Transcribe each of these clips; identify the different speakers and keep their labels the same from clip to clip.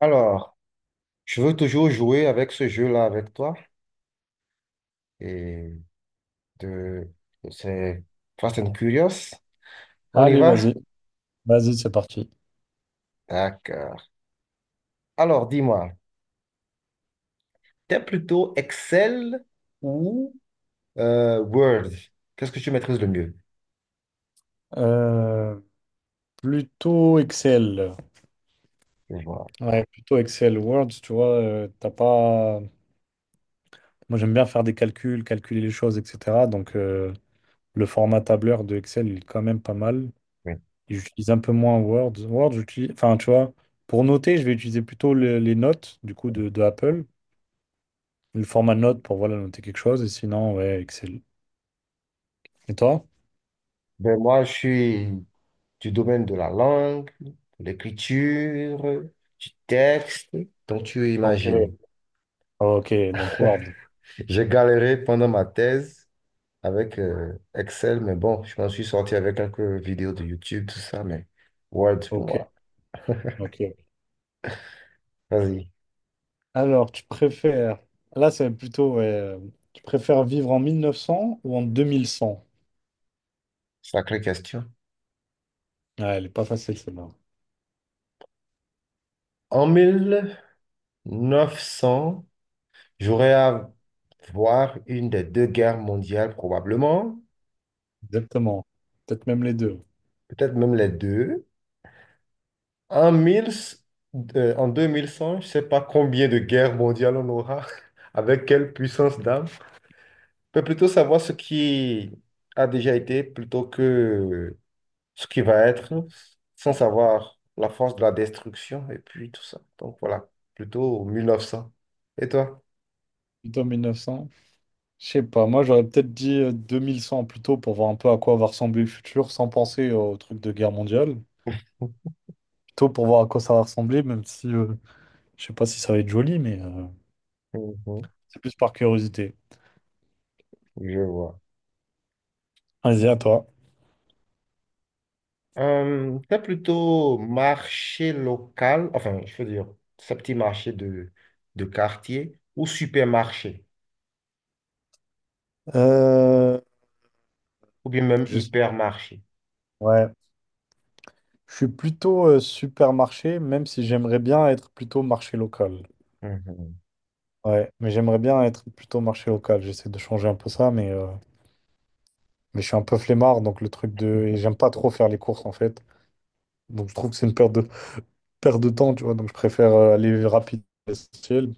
Speaker 1: Alors, je veux toujours jouer avec ce jeu-là avec toi. Et de, c'est Fast and Curious. On y
Speaker 2: Allez,
Speaker 1: va?
Speaker 2: vas-y, vas-y, c'est parti.
Speaker 1: D'accord. Alors, dis-moi, t'es plutôt Excel ou Word? Qu'est-ce que tu maîtrises le mieux?
Speaker 2: Euh, Plutôt Excel.
Speaker 1: Je vois,
Speaker 2: Ouais, plutôt Excel. Word, tu vois, t'as pas. Moi, j'aime bien faire des calculs, calculer les choses, etc. Donc, le format tableur de Excel, il est quand même pas mal.
Speaker 1: oui.
Speaker 2: Et j'utilise un peu moins Word. Word, j'utilise. Enfin, tu vois, pour noter, je vais utiliser plutôt les notes, du coup, de Apple. Le format note pour, voilà, noter quelque chose. Et sinon, ouais, Excel. Et toi?
Speaker 1: Ben, moi, je suis du domaine de la langue, de l'écriture, du texte, donc tu imagines.
Speaker 2: Ok. Ok, donc Word.
Speaker 1: J'ai galéré pendant ma thèse avec Excel, mais bon, je m'en suis sorti avec quelques vidéos de YouTube, tout ça, mais Word pour
Speaker 2: Ok,
Speaker 1: moi.
Speaker 2: ok.
Speaker 1: Vas-y,
Speaker 2: Alors, tu préfères, là c'est plutôt, ouais, tu préfères vivre en 1900 ou en 2100.
Speaker 1: sacrée question.
Speaker 2: Ouais, elle est pas facile celle-là.
Speaker 1: En mille neuf cents j'aurais à voir une des deux guerres mondiales probablement,
Speaker 2: Exactement. Peut-être même les deux.
Speaker 1: peut-être même les deux. En 1000, euh, En 2100 je ne sais pas combien de guerres mondiales on aura, avec quelle puissance d'âme. Je peux plutôt savoir ce qui a déjà été plutôt que ce qui va être sans
Speaker 2: Ah,
Speaker 1: savoir la force de la destruction et puis tout ça. Donc voilà, plutôt mille neuf cents. Et toi?
Speaker 2: plutôt 1900. Je sais pas, moi j'aurais peut-être dit 2100 plutôt pour voir un peu à quoi va ressembler le futur sans penser au truc de guerre mondiale. Plutôt pour voir à quoi ça va ressembler, même si je sais pas si ça va être joli, mais
Speaker 1: Mhm,
Speaker 2: c'est plus par curiosité.
Speaker 1: je vois.
Speaker 2: Vas-y, à toi.
Speaker 1: T'as plutôt marché local, enfin, je veux dire, ce petit marché de quartier ou supermarché,
Speaker 2: Euh,
Speaker 1: ou bien même
Speaker 2: Juste,
Speaker 1: hypermarché?
Speaker 2: ouais. Je suis plutôt supermarché, même si j'aimerais bien être plutôt marché local.
Speaker 1: Mhm.
Speaker 2: Ouais, mais j'aimerais bien être plutôt marché local. J'essaie de changer un peu ça, mais je suis un peu flemmard, donc le truc de... Et j'aime pas trop faire les courses, en fait. Donc je trouve que c'est une perte de temps, tu vois. Donc je préfère aller rapide, essentiel,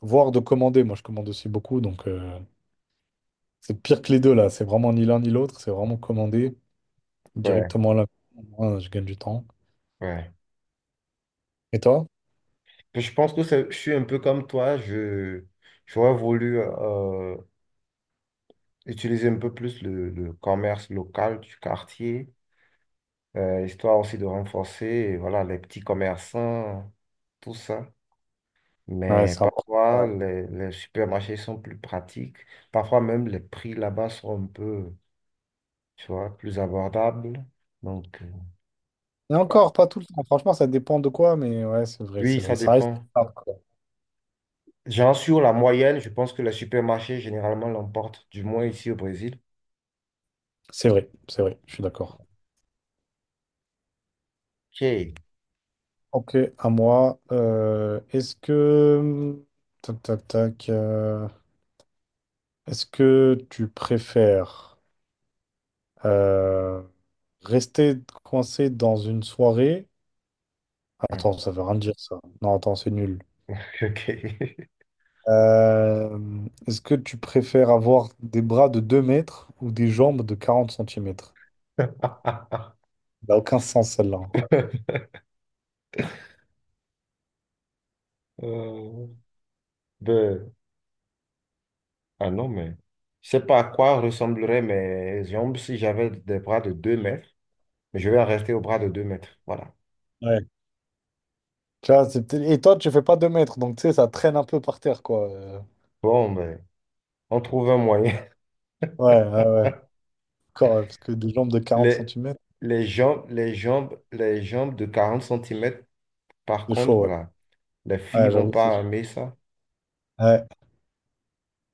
Speaker 2: voire de commander. Moi, je commande aussi beaucoup, donc c'est pire que les deux, là. C'est vraiment ni l'un ni l'autre, c'est vraiment commander
Speaker 1: Ouais,
Speaker 2: directement là. Moi, je gagne du temps.
Speaker 1: ouais.
Speaker 2: Et toi?
Speaker 1: Je pense que c'est- Je suis un peu comme toi. J'aurais voulu utiliser un peu plus le commerce local du quartier, histoire aussi de renforcer, voilà, les petits commerçants, tout ça.
Speaker 2: Ouais,
Speaker 1: Mais
Speaker 2: c'est important.
Speaker 1: parfois, les supermarchés sont plus pratiques. Parfois même, les prix là-bas sont un peu, tu vois, plus abordables. Donc,
Speaker 2: Et encore, pas tout le temps. Franchement, ça dépend de quoi, mais ouais, c'est vrai,
Speaker 1: oui,
Speaker 2: c'est vrai.
Speaker 1: ça
Speaker 2: Ça reste
Speaker 1: dépend.
Speaker 2: rare, quoi.
Speaker 1: Genre, sur la moyenne, je pense que les supermarchés, généralement, l'emportent, du moins ici au Brésil.
Speaker 2: C'est vrai, je suis d'accord.
Speaker 1: OK.
Speaker 2: Ok, à moi. Est-ce que. Tac, tac, tac. Est-ce que tu préfères euh, rester coincé dans une soirée? Attends, ça veut rien dire ça. Non, attends, c'est nul.
Speaker 1: Ok.
Speaker 2: Euh, Est-ce que tu préfères avoir des bras de 2 mètres ou des jambes de 40 centimètres. Ça n'a aucun sens celle-là.
Speaker 1: Euh, ben, Ah non, mais je sais pas à quoi ressembleraient mes jambes si j'avais des bras de deux mètres, mais je vais en rester aux bras de deux mètres. Voilà.
Speaker 2: Ouais. Tu vois, et toi, tu fais pas 2 mètres, donc tu sais, ça traîne un peu par terre, quoi.
Speaker 1: Bon, ben, on trouve un moyen.
Speaker 2: Ouais, ouais, ouais. Encore, ouais, parce que des jambes de 40
Speaker 1: Les,
Speaker 2: centimètres,
Speaker 1: les jambes de quarante centimètres par
Speaker 2: c'est
Speaker 1: contre,
Speaker 2: chaud, ouais.
Speaker 1: voilà, les filles
Speaker 2: Ouais,
Speaker 1: vont
Speaker 2: j'avoue, c'est
Speaker 1: pas
Speaker 2: chaud.
Speaker 1: aimer ça.
Speaker 2: Ouais,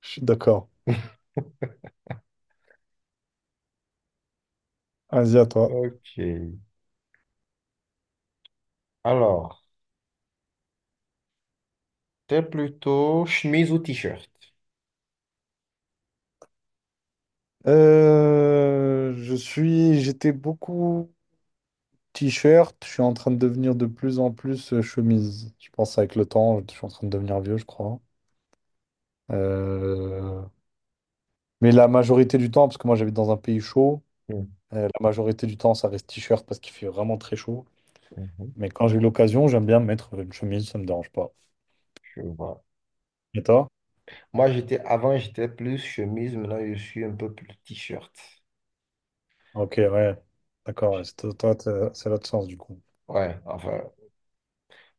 Speaker 2: je suis d'accord. Vas-y, à toi.
Speaker 1: Ok. Alors, c'est plutôt chemise ou t-shirt?
Speaker 2: Je suis... J'étais beaucoup... T-shirt, je suis en train de devenir de plus en plus chemise. Je pense avec le temps, je suis en train de devenir vieux, je crois. Euh, Mais la majorité du temps, parce que moi j'habite dans un pays chaud, la majorité du temps ça reste t-shirt parce qu'il fait vraiment très chaud.
Speaker 1: Mhm,
Speaker 2: Mais quand j'ai l'occasion, j'aime bien mettre une chemise, ça me dérange pas.
Speaker 1: je vois.
Speaker 2: Et toi?
Speaker 1: Moi, j'étais avant, j'étais plus chemise, maintenant je suis un peu plus t-shirt.
Speaker 2: Ok, ouais. D'accord, ouais, c'est toi, toi, c'est l'autre sens du coup.
Speaker 1: Ouais, enfin,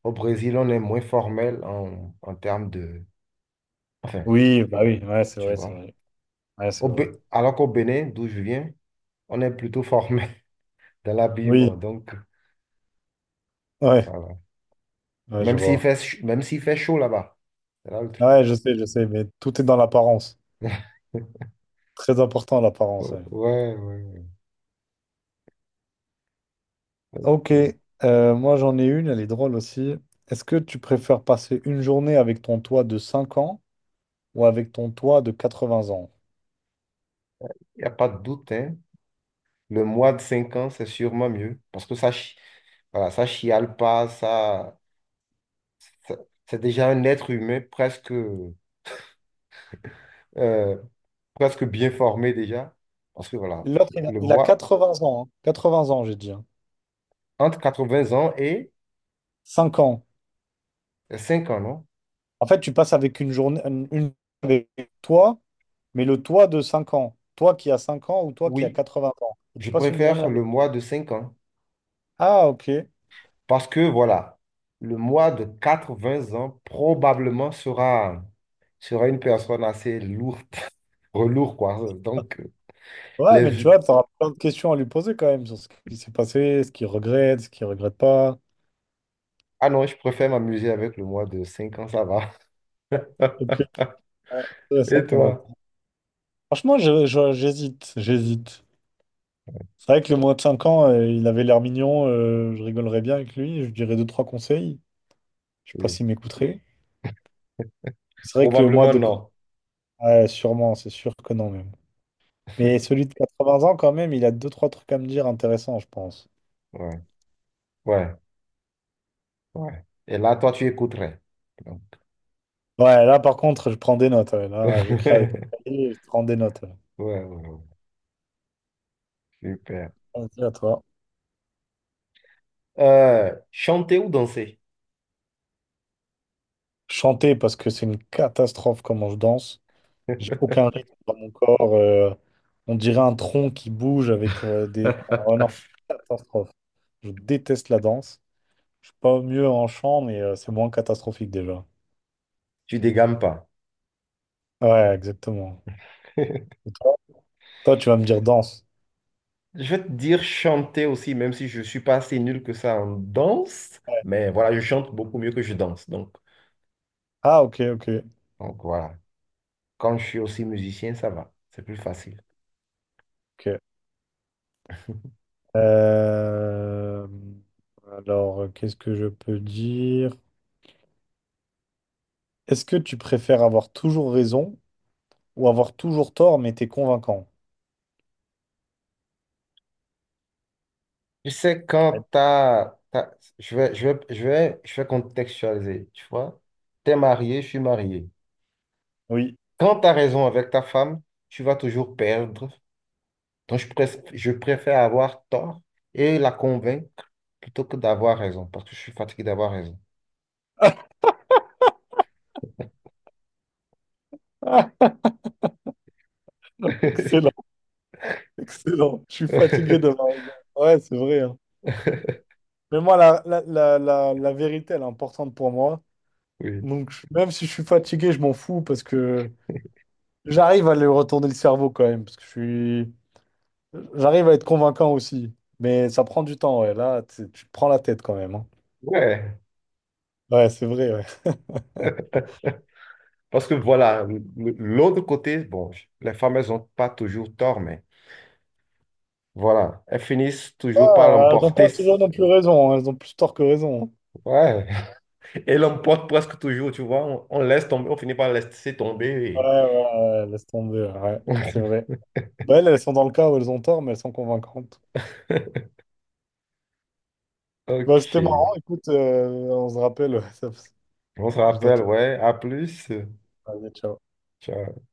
Speaker 1: au Brésil, on est moins formel en, en termes de... Enfin,
Speaker 2: Oui, bah oui, ouais, c'est
Speaker 1: tu
Speaker 2: vrai, c'est
Speaker 1: vois.
Speaker 2: vrai. Ouais, c'est vrai.
Speaker 1: Alors qu'au Bénin, d'où je viens, on est plutôt formel dans l'habillement.
Speaker 2: Oui,
Speaker 1: Donc,
Speaker 2: ouais,
Speaker 1: voilà.
Speaker 2: ouais, je vois.
Speaker 1: Même s'il fait chaud là-bas. C'est là le truc.
Speaker 2: Ouais, je sais, mais tout est dans l'apparence. Très important l'apparence, ouais.
Speaker 1: Ouais, ouais, ouais.
Speaker 2: Ok,
Speaker 1: Ok.
Speaker 2: moi j'en ai une, elle est drôle aussi. Est-ce que tu préfères passer une journée avec ton toit de 5 ans ou avec ton toit de 80 ans?
Speaker 1: Il n'y a pas de doute, hein. Le mois de 5 ans, c'est sûrement mieux. Parce que ça, chi- Voilà, ça chiale pas, ça- c'est déjà un être humain presque, presque bien formé déjà. Parce que voilà,
Speaker 2: L'autre, il a,
Speaker 1: le
Speaker 2: il a
Speaker 1: mois
Speaker 2: 80 ans. Hein. 20 ans, j'ai dit. Hein.
Speaker 1: entre 80 ans et
Speaker 2: Cinq ans.
Speaker 1: 5 ans, non?
Speaker 2: En fait, tu passes avec une journée, avec toi, mais le toi de 5 ans. Toi qui as 5 ans ou toi qui as
Speaker 1: Oui,
Speaker 2: 20 ans. Et tu
Speaker 1: je
Speaker 2: passes une journée
Speaker 1: préfère
Speaker 2: avec.
Speaker 1: le mois de 5 ans.
Speaker 2: Ah, ok.
Speaker 1: Parce que voilà, le mois de 80 ans probablement sera une personne assez lourde, relourde, quoi. Donc,
Speaker 2: Ouais,
Speaker 1: les...
Speaker 2: mais tu
Speaker 1: vi-
Speaker 2: vois, tu auras plein de questions à lui poser quand même sur ce qui s'est passé, ce qu'il regrette pas.
Speaker 1: Ah non, je préfère m'amuser avec le mois de 5 ans, ça va.
Speaker 2: Ok, intéressant
Speaker 1: Et
Speaker 2: quand même.
Speaker 1: toi?
Speaker 2: Franchement, j'hésite, j'hésite. C'est vrai que le moins de 5 ans, il avait l'air mignon, je rigolerais bien avec lui, je lui dirais deux trois conseils. Je sais pas
Speaker 1: Oui.
Speaker 2: s'il m'écouterait. C'est vrai que le mois
Speaker 1: Probablement
Speaker 2: de...
Speaker 1: non.
Speaker 2: Ouais, sûrement, c'est sûr que non même. Mais celui de 80 ans quand même, il a deux trois trucs à me dire intéressants, je pense.
Speaker 1: Ouais. Ouais. Ouais. Et là, toi, tu écouterais. Donc.
Speaker 2: Ouais, là par contre, je prends des notes. Ouais. Là, j'écris avec un cahier, je prends des notes. Ouais.
Speaker 1: Ouais, ouais, ouais. Super.
Speaker 2: Vas-y, à toi.
Speaker 1: Chanter ou danser?
Speaker 2: Chanter parce que c'est une catastrophe comment je danse. J'ai aucun rythme dans mon corps. On dirait un tronc qui bouge avec des. Oh non, c'est une catastrophe. Je déteste la danse. Je suis pas mieux en chant, mais c'est moins catastrophique déjà.
Speaker 1: Tu dégames pas.
Speaker 2: Ouais, exactement. Et toi, toi, tu vas me dire danse.
Speaker 1: Je vais te dire chanter aussi, même si je suis pas assez nul que ça en danse.
Speaker 2: Ouais.
Speaker 1: Mais voilà, je chante beaucoup mieux que je danse. Donc,
Speaker 2: Ah, ok, ok,
Speaker 1: donc voilà. Quand je suis aussi musicien, ça va. C'est plus facile.
Speaker 2: ok. Euh, Alors, qu'est-ce que je peux dire? Est-ce que tu préfères avoir toujours raison ou avoir toujours tort, mais t'es convaincant?
Speaker 1: Tu sais, je vais contextualiser, tu vois. T'es marié, je suis marié.
Speaker 2: Oui.
Speaker 1: Quand tu as raison avec ta femme, tu vas toujours perdre. Donc, je préfère avoir tort et la convaincre plutôt que d'avoir raison, parce que je suis fatigué d'avoir raison.
Speaker 2: Excellent, excellent. Je suis fatigué de la raison. Ouais, c'est vrai. Hein. Mais moi, la vérité, elle est importante pour moi.
Speaker 1: Oui.
Speaker 2: Donc, même si je suis fatigué, je m'en fous parce que j'arrive à lui retourner le cerveau quand même. Parce que j'arrive à être convaincant aussi. Mais ça prend du temps, ouais. Là, tu te prends la tête quand même. Hein.
Speaker 1: Ouais.
Speaker 2: Ouais, c'est vrai, ouais.
Speaker 1: Parce que voilà, l'autre côté, les femmes, elles n'ont pas toujours tort, mais voilà, elles finissent toujours par
Speaker 2: Ah, elles n'ont
Speaker 1: l'emporter.
Speaker 2: pas toujours non plus raison. Hein. Elles ont plus tort que raison.
Speaker 1: Ouais. Et l'emportent presque toujours, tu vois. On laisse tomber, on finit par laisser
Speaker 2: Hein.
Speaker 1: tomber.
Speaker 2: Ouais, ouais, ouais, laisse tomber. Ouais, ouais, c'est
Speaker 1: et-
Speaker 2: vrai. Bah, elles, elles sont dans le cas où elles ont tort, mais elles sont convaincantes. Bah, c'était marrant,
Speaker 1: Ok.
Speaker 2: écoute, on se rappelle.
Speaker 1: On se
Speaker 2: Je dois te
Speaker 1: rappelle,
Speaker 2: laisser.
Speaker 1: ouais. À plus.
Speaker 2: Allez, ciao.
Speaker 1: Ciao.